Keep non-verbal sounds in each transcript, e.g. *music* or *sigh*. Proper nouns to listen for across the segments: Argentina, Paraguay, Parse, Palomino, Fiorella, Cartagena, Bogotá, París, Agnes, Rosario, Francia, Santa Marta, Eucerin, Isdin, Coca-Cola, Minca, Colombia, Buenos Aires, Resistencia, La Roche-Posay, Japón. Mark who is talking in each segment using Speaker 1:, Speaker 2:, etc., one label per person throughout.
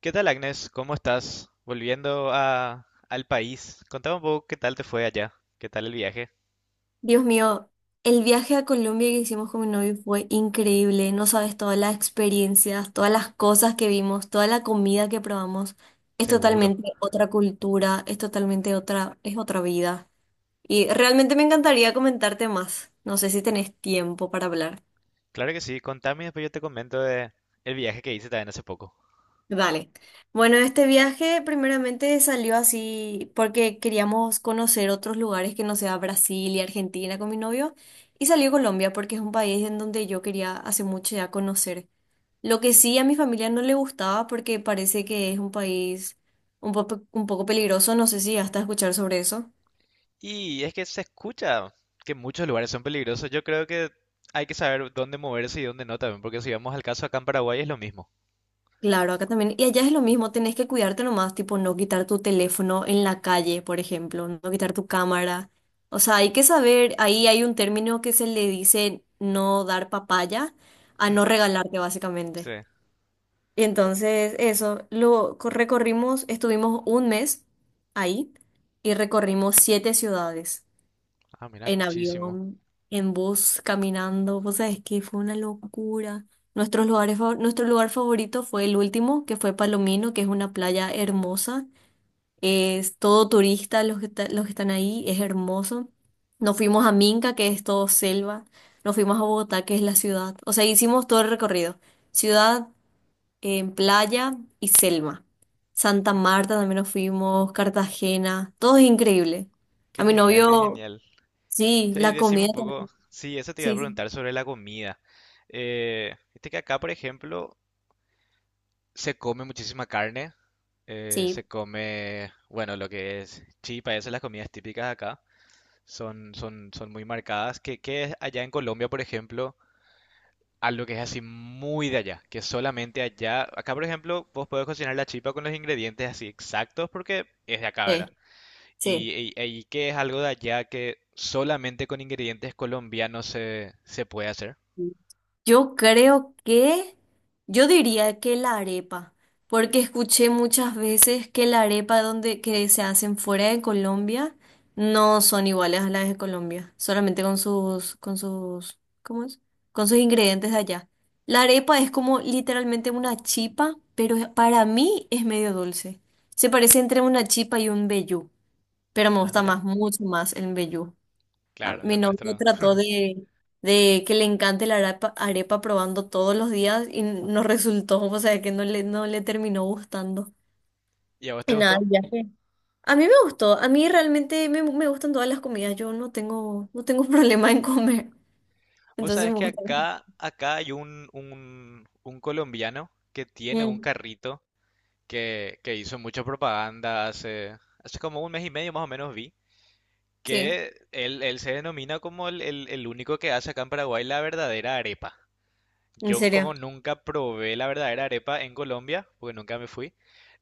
Speaker 1: ¿Qué tal, Agnes? ¿Cómo estás? Volviendo al país. Contame un poco qué tal te fue allá. ¿Qué tal el viaje?
Speaker 2: Dios mío, el viaje a Colombia que hicimos con mi novio fue increíble. No sabes todas las experiencias, todas las cosas que vimos, toda la comida que probamos. Es
Speaker 1: Seguro.
Speaker 2: totalmente otra cultura, es totalmente otra, es otra vida. Y realmente me encantaría comentarte más. No sé si tenés tiempo para hablar.
Speaker 1: Claro que sí. Contame y después yo te comento de el viaje que hice también hace poco.
Speaker 2: Dale. Bueno, este viaje primeramente salió así porque queríamos conocer otros lugares que no sea Brasil y Argentina con mi novio y salió Colombia porque es un país en donde yo quería hace mucho ya conocer. Lo que sí a mi familia no le gustaba porque parece que es un país un poco peligroso, no sé si hasta escuchar sobre eso.
Speaker 1: Y es que se escucha que muchos lugares son peligrosos. Yo creo que hay que saber dónde moverse y dónde no también, porque si vamos al caso acá en Paraguay es lo mismo.
Speaker 2: Claro, acá también. Y allá es lo mismo, tenés que cuidarte nomás, tipo no quitar tu teléfono en la calle, por ejemplo, no quitar tu cámara. O sea, hay que saber, ahí hay un término que se le dice no dar papaya a no regalarte,
Speaker 1: Sí.
Speaker 2: básicamente. Y entonces eso, recorrimos, estuvimos un mes ahí y recorrimos 7 ciudades
Speaker 1: Ah, mira,
Speaker 2: en
Speaker 1: muchísimo.
Speaker 2: avión, en bus, caminando. Vos sabés que fue una locura. Nuestros lugares, nuestro lugar favorito fue el último, que fue Palomino, que es una playa hermosa. Es todo turista los que, los que están ahí, es hermoso. Nos fuimos a Minca, que es todo selva. Nos fuimos a Bogotá, que es la ciudad. O sea, hicimos todo el recorrido. Ciudad, en playa y selva. Santa
Speaker 1: Qué,
Speaker 2: Marta también nos fuimos, Cartagena, todo es increíble.
Speaker 1: qué
Speaker 2: A mi
Speaker 1: genial, qué
Speaker 2: novio.
Speaker 1: genial.
Speaker 2: Sí,
Speaker 1: Sí, y
Speaker 2: la
Speaker 1: decime
Speaker 2: comida.
Speaker 1: un poco. Sí, eso te iba a
Speaker 2: Sí, sí,
Speaker 1: preguntar sobre la comida. Viste que acá, por ejemplo, se come muchísima carne,
Speaker 2: sí,
Speaker 1: se come, bueno, lo que es chipa, esas las comidas típicas de acá, son muy marcadas, que es allá en Colombia, por ejemplo, algo que es así muy de allá, que solamente allá, acá por ejemplo, vos podés cocinar la chipa con los ingredientes así exactos porque es de acá,
Speaker 2: sí,
Speaker 1: ¿verdad? Y que es algo de allá que solamente con ingredientes colombianos se puede hacer.
Speaker 2: sí. Yo creo que, yo diría que la arepa, porque escuché muchas veces que la arepa donde que se hacen fuera de Colombia no son iguales a las de Colombia, solamente con sus, ¿cómo es? Con sus ingredientes de allá. La arepa es como literalmente una chipa, pero para mí es medio dulce. Se parece entre una chipa y un vellú, pero me
Speaker 1: Ah,
Speaker 2: gusta
Speaker 1: mira.
Speaker 2: más, mucho más el vellú. Ah.
Speaker 1: Claro, lo
Speaker 2: Mi novio
Speaker 1: nuestro.
Speaker 2: de que le encante la arepa, arepa probando todos los días y no resultó, o sea, que no le terminó gustando.
Speaker 1: ¿Y a vos te
Speaker 2: Y nada,
Speaker 1: gustó?
Speaker 2: el viaje. A mí me gustó, a mí realmente me gustan todas las comidas, yo no tengo, no tengo *laughs* problema en comer,
Speaker 1: Vos
Speaker 2: entonces
Speaker 1: sabés
Speaker 2: me
Speaker 1: que
Speaker 2: gusta.
Speaker 1: acá hay un colombiano que tiene un
Speaker 2: Mm,
Speaker 1: carrito que hizo mucha propaganda hace como un mes y medio más o menos vi,
Speaker 2: sí,
Speaker 1: que él se denomina como el único que hace acá en Paraguay la verdadera arepa.
Speaker 2: en
Speaker 1: Yo
Speaker 2: serio,
Speaker 1: como nunca probé la verdadera arepa en Colombia, porque nunca me fui,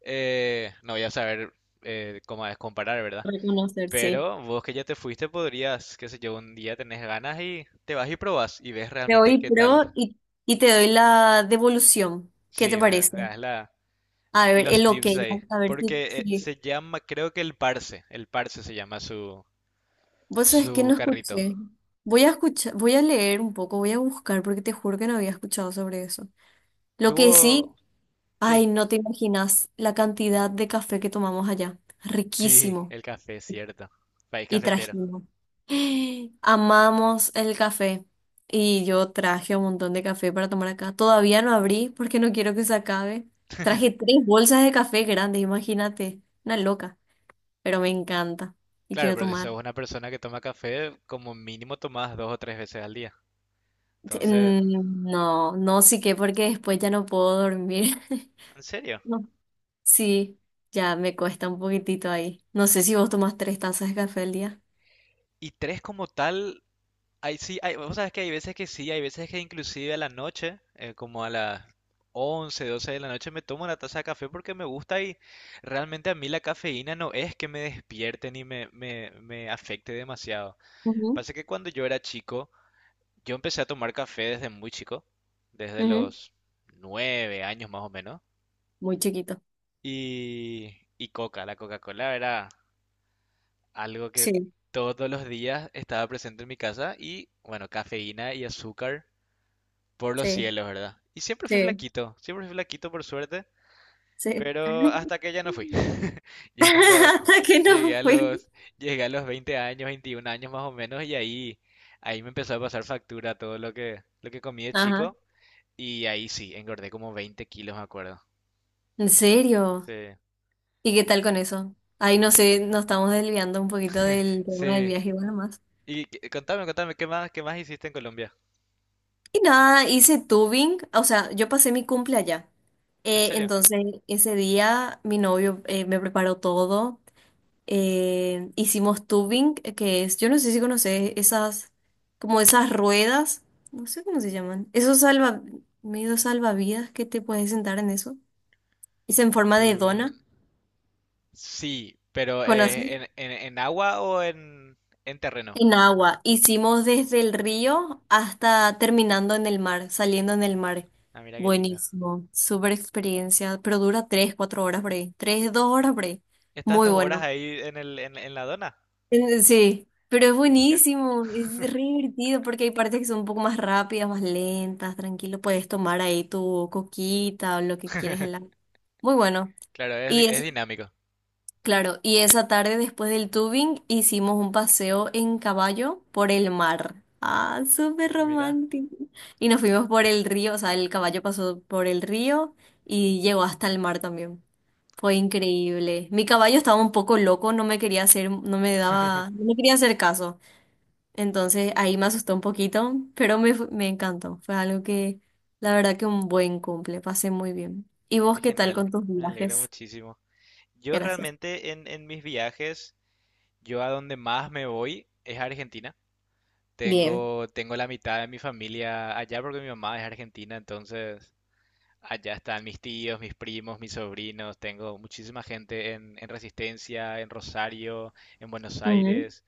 Speaker 1: no voy a saber cómo es comparar, ¿verdad?
Speaker 2: reconocer, sí.
Speaker 1: Pero vos que ya te fuiste podrías, qué sé yo, un día tenés ganas y te vas y probás y ves
Speaker 2: Te
Speaker 1: realmente
Speaker 2: doy
Speaker 1: qué tal.
Speaker 2: pro y te doy la devolución, ¿qué
Speaker 1: Sí,
Speaker 2: te
Speaker 1: me,
Speaker 2: parece?
Speaker 1: me das
Speaker 2: A ver,
Speaker 1: los
Speaker 2: el ok,
Speaker 1: tips ahí.
Speaker 2: a ver si,
Speaker 1: Porque
Speaker 2: si
Speaker 1: se llama, creo que el Parse se llama su,
Speaker 2: vos sabés que
Speaker 1: su
Speaker 2: no
Speaker 1: carrito.
Speaker 2: escuché. Voy a escuchar, voy a leer un poco, voy a buscar porque te juro que no había escuchado sobre eso. Lo que sí,
Speaker 1: Tuvo, sí,
Speaker 2: ay, no te imaginas la cantidad de café que tomamos allá.
Speaker 1: sí,
Speaker 2: Riquísimo.
Speaker 1: el café, cierto. País
Speaker 2: Y
Speaker 1: cafetero.
Speaker 2: trajimos. *gasps* Amamos el café. Y yo traje un montón de café para tomar acá. Todavía no abrí porque no quiero que se acabe. Traje tres bolsas de café grandes, imagínate. Una loca. Pero me encanta. Y
Speaker 1: Claro,
Speaker 2: quiero
Speaker 1: pero si
Speaker 2: tomar.
Speaker 1: sos una persona que toma café, como mínimo tomás 2 o 3 veces al día. Entonces,
Speaker 2: Mm. No, no, sí que porque después ya no puedo dormir. *laughs*
Speaker 1: en serio.
Speaker 2: No. Sí, ya me cuesta un poquitito ahí. No sé si vos tomás tres tazas de café al día.
Speaker 1: Y tres como tal, hay, sí, hay, vos sabés que hay veces que sí, hay veces que inclusive a la noche, como a las 11 12 de la noche, me tomo una taza de café porque me gusta y realmente a mí la cafeína no es que me despierte ni me afecte demasiado.
Speaker 2: Ujú,
Speaker 1: Pasa que cuando yo era chico, yo empecé a tomar café desde muy chico, desde
Speaker 2: ujú.
Speaker 1: los 9 años más o menos,
Speaker 2: Muy chiquito.
Speaker 1: y la Coca-Cola era algo que
Speaker 2: Sí,
Speaker 1: todos los días estaba presente en mi casa y bueno, cafeína y azúcar. Por los
Speaker 2: sí,
Speaker 1: cielos, ¿verdad? Y
Speaker 2: sí,
Speaker 1: siempre fui flaquito por suerte,
Speaker 2: sí.
Speaker 1: pero
Speaker 2: *laughs*
Speaker 1: hasta que ya no fui. *laughs* Ya cuando
Speaker 2: Hasta que no
Speaker 1: llegué a
Speaker 2: fui.
Speaker 1: los, llegué a los 20 años, 21 años más o menos, y ahí me empezó a pasar factura todo lo que comí de
Speaker 2: Ajá.
Speaker 1: chico, y ahí sí, engordé como 20 kilos, me acuerdo.
Speaker 2: ¿En serio?
Speaker 1: Sí,
Speaker 2: ¿Y qué tal con eso? Ahí no sé, nos estamos desviando un poquito del tema del
Speaker 1: sí.
Speaker 2: viaje, bueno.
Speaker 1: Contame, qué más hiciste en Colombia?
Speaker 2: Y nada, hice tubing, o sea, yo pasé mi cumple allá.
Speaker 1: ¿En
Speaker 2: Eh,
Speaker 1: serio?
Speaker 2: entonces, ese día mi novio me preparó todo. Hicimos tubing, que es, yo no sé si conoces esas, como esas ruedas, no sé cómo se llaman, esos salva, medio salvavidas que te puedes sentar en eso. Es en forma de
Speaker 1: Tú-
Speaker 2: dona,
Speaker 1: Sí, pero
Speaker 2: ¿conoces?
Speaker 1: ¿en, en agua o en terreno?
Speaker 2: En agua, hicimos desde el río hasta terminando en el mar, saliendo en el mar.
Speaker 1: Ah, mira qué lindo.
Speaker 2: Buenísimo, súper experiencia, pero dura tres, cuatro horas por ahí, tres, dos horas por ahí.
Speaker 1: Estás
Speaker 2: Muy
Speaker 1: 2 horas
Speaker 2: bueno.
Speaker 1: ahí en la dona.
Speaker 2: Sí, pero es
Speaker 1: Hija.
Speaker 2: buenísimo, es re divertido porque hay partes que son un poco más rápidas, más lentas, tranquilo, puedes tomar ahí tu coquita o lo que quieras. Muy bueno.
Speaker 1: Claro, es, di-
Speaker 2: Y
Speaker 1: es
Speaker 2: es
Speaker 1: dinámico.
Speaker 2: Claro, y esa tarde después del tubing hicimos un paseo en caballo por el mar. Ah, súper
Speaker 1: Mira,
Speaker 2: romántico. Y nos fuimos por el río, o sea, el caballo pasó por el río y llegó hasta el mar también. Fue increíble. Mi caballo estaba un poco loco, no me daba,
Speaker 1: *laughs*
Speaker 2: no me quería hacer caso. Entonces ahí me asustó un poquito, pero me encantó. Fue algo que, la verdad que un buen cumple, pasé muy bien. ¿Y vos
Speaker 1: qué
Speaker 2: qué tal
Speaker 1: genial.
Speaker 2: con tus
Speaker 1: Me alegro
Speaker 2: viajes?
Speaker 1: muchísimo. Yo
Speaker 2: Gracias.
Speaker 1: realmente en mis viajes, yo a donde más me voy es a Argentina.
Speaker 2: Bien.
Speaker 1: Tengo la mitad de mi familia allá porque mi mamá es argentina, entonces allá están mis tíos, mis primos, mis sobrinos. Tengo muchísima gente en Resistencia, en Rosario, en Buenos Aires.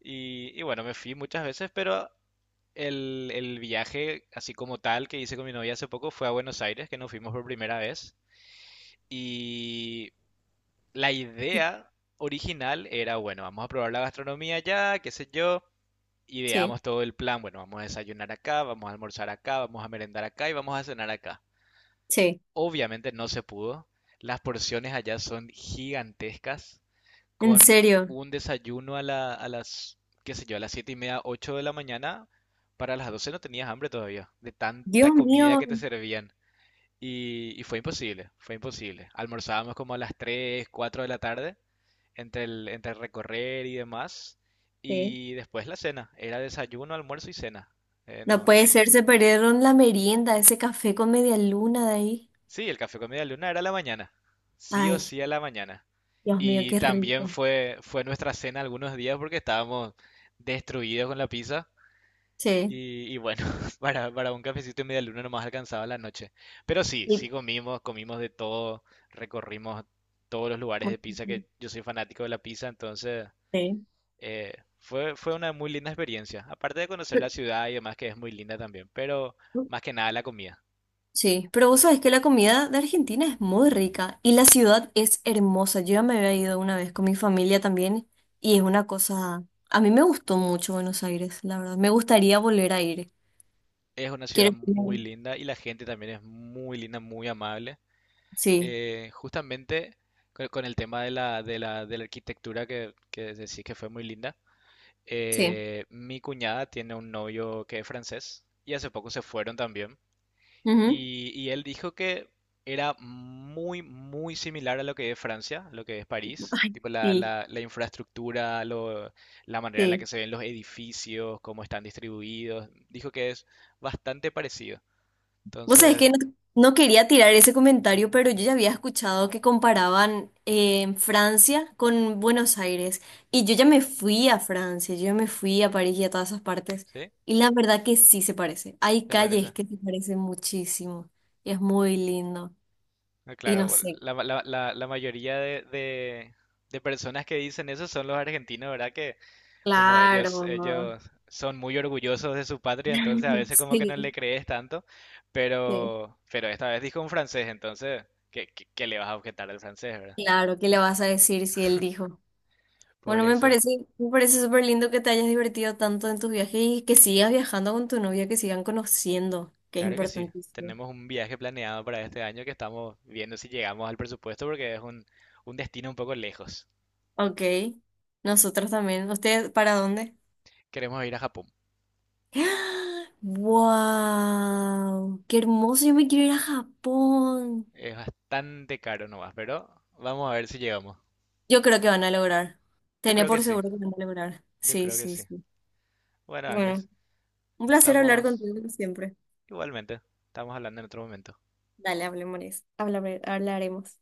Speaker 1: Y bueno, me fui muchas veces, pero el viaje, así como tal, que hice con mi novia hace poco fue a Buenos Aires, que nos fuimos por primera vez. Y la idea original era, bueno, vamos a probar la gastronomía allá, qué sé yo.
Speaker 2: Sí,
Speaker 1: Ideamos todo el plan, bueno, vamos a desayunar acá, vamos a almorzar acá, vamos a merendar acá y vamos a cenar acá.
Speaker 2: sí,
Speaker 1: Obviamente no se pudo. Las porciones allá son gigantescas
Speaker 2: en
Speaker 1: con
Speaker 2: serio.
Speaker 1: un desayuno a la, qué sé yo, a las siete y media, ocho de la mañana; para las 12 no tenías hambre todavía, de
Speaker 2: Dios
Speaker 1: tanta comida
Speaker 2: mío,
Speaker 1: que te servían. Y fue imposible, fue imposible. Almorzábamos como a las tres, 4 de la tarde, entre el recorrer y demás.
Speaker 2: sí.
Speaker 1: Y después la cena, era desayuno, almuerzo y cena.
Speaker 2: No
Speaker 1: No,
Speaker 2: puede ser, se perdieron la merienda, ese café con media luna de ahí.
Speaker 1: sí, el café con media luna era a la mañana. Sí o
Speaker 2: Ay,
Speaker 1: sí a la mañana.
Speaker 2: Dios mío,
Speaker 1: Y
Speaker 2: qué
Speaker 1: también
Speaker 2: rico.
Speaker 1: fue nuestra cena algunos días porque estábamos destruidos con la pizza.
Speaker 2: Sí,
Speaker 1: Y bueno, *laughs* para un cafecito y media luna no nomás alcanzaba la noche. Pero sí,
Speaker 2: y-
Speaker 1: sí comimos, de todo, recorrimos todos los lugares de pizza, que yo soy fanático de la pizza, entonces
Speaker 2: sí.
Speaker 1: eh, fue una muy linda experiencia. Aparte de conocer la ciudad y demás, que es muy linda también, pero
Speaker 2: Pero...
Speaker 1: más que nada la comida.
Speaker 2: Sí, pero vos sabés que la comida de Argentina es muy rica y la ciudad es hermosa. Yo ya me había ido una vez con mi familia también y es una cosa... A mí me gustó mucho Buenos Aires, la verdad. Me gustaría volver a ir.
Speaker 1: Es una ciudad
Speaker 2: Quiero...
Speaker 1: muy linda y la gente también es muy linda, muy amable.
Speaker 2: Sí,
Speaker 1: Justamente con el tema de la, de la arquitectura que decís que fue muy linda,
Speaker 2: sí.
Speaker 1: mi cuñada tiene un novio que es francés y hace poco se fueron también.
Speaker 2: Ujú.
Speaker 1: Y él dijo que era muy, muy similar a lo que es Francia, lo que es París.
Speaker 2: Ay,
Speaker 1: Tipo la,
Speaker 2: sí.
Speaker 1: la, la infraestructura, la manera en la que
Speaker 2: Sí.
Speaker 1: se ven los edificios, cómo están distribuidos. Dijo que es bastante parecido.
Speaker 2: Vos sabés
Speaker 1: Entonces,
Speaker 2: que no quería tirar ese comentario, pero yo ya había escuchado que comparaban Francia con Buenos Aires. Y yo ya me fui a Francia, yo ya me fui a París y a todas esas partes.
Speaker 1: ¿sí?
Speaker 2: Y la verdad que sí se parece. Hay
Speaker 1: ¿Te
Speaker 2: calles
Speaker 1: parece?
Speaker 2: que se parecen muchísimo. Y es muy lindo.
Speaker 1: Ah,
Speaker 2: Y no
Speaker 1: claro,
Speaker 2: sé.
Speaker 1: la mayoría de personas que dicen eso son los argentinos, ¿verdad? Que como ellos,
Speaker 2: Claro.
Speaker 1: ellos son muy orgullosos de su patria, entonces a
Speaker 2: *laughs*
Speaker 1: veces como que no
Speaker 2: Sí,
Speaker 1: le crees tanto,
Speaker 2: sí.
Speaker 1: pero esta vez dijo un francés, entonces ¿qué le vas a objetar al francés? ¿Verdad?
Speaker 2: Claro, ¿qué le vas a decir si él dijo? Bueno,
Speaker 1: Por eso,
Speaker 2: me parece súper lindo que te hayas divertido tanto en tus viajes y que sigas viajando con tu novia, que sigan conociendo, que es
Speaker 1: claro que sí,
Speaker 2: importantísimo.
Speaker 1: tenemos un viaje planeado para este año que estamos viendo si llegamos al presupuesto porque es un destino un poco lejos.
Speaker 2: Ok, nosotros también. ¿Ustedes para dónde?
Speaker 1: Queremos ir a Japón.
Speaker 2: *gasps* ¡Wow! ¡Qué hermoso! Yo me quiero ir a Japón.
Speaker 1: Es bastante caro nomás, pero vamos a ver si llegamos.
Speaker 2: Yo creo que van a lograr.
Speaker 1: Yo
Speaker 2: Tenía
Speaker 1: creo que
Speaker 2: por
Speaker 1: sí,
Speaker 2: seguro que van a lograr.
Speaker 1: yo
Speaker 2: Sí,
Speaker 1: creo que
Speaker 2: sí,
Speaker 1: sí.
Speaker 2: sí.
Speaker 1: Bueno,
Speaker 2: Bueno,
Speaker 1: Agnes,
Speaker 2: un placer hablar
Speaker 1: estamos
Speaker 2: contigo como siempre.
Speaker 1: igualmente, estamos hablando en otro momento.
Speaker 2: Dale, hablemos. Hablaremos.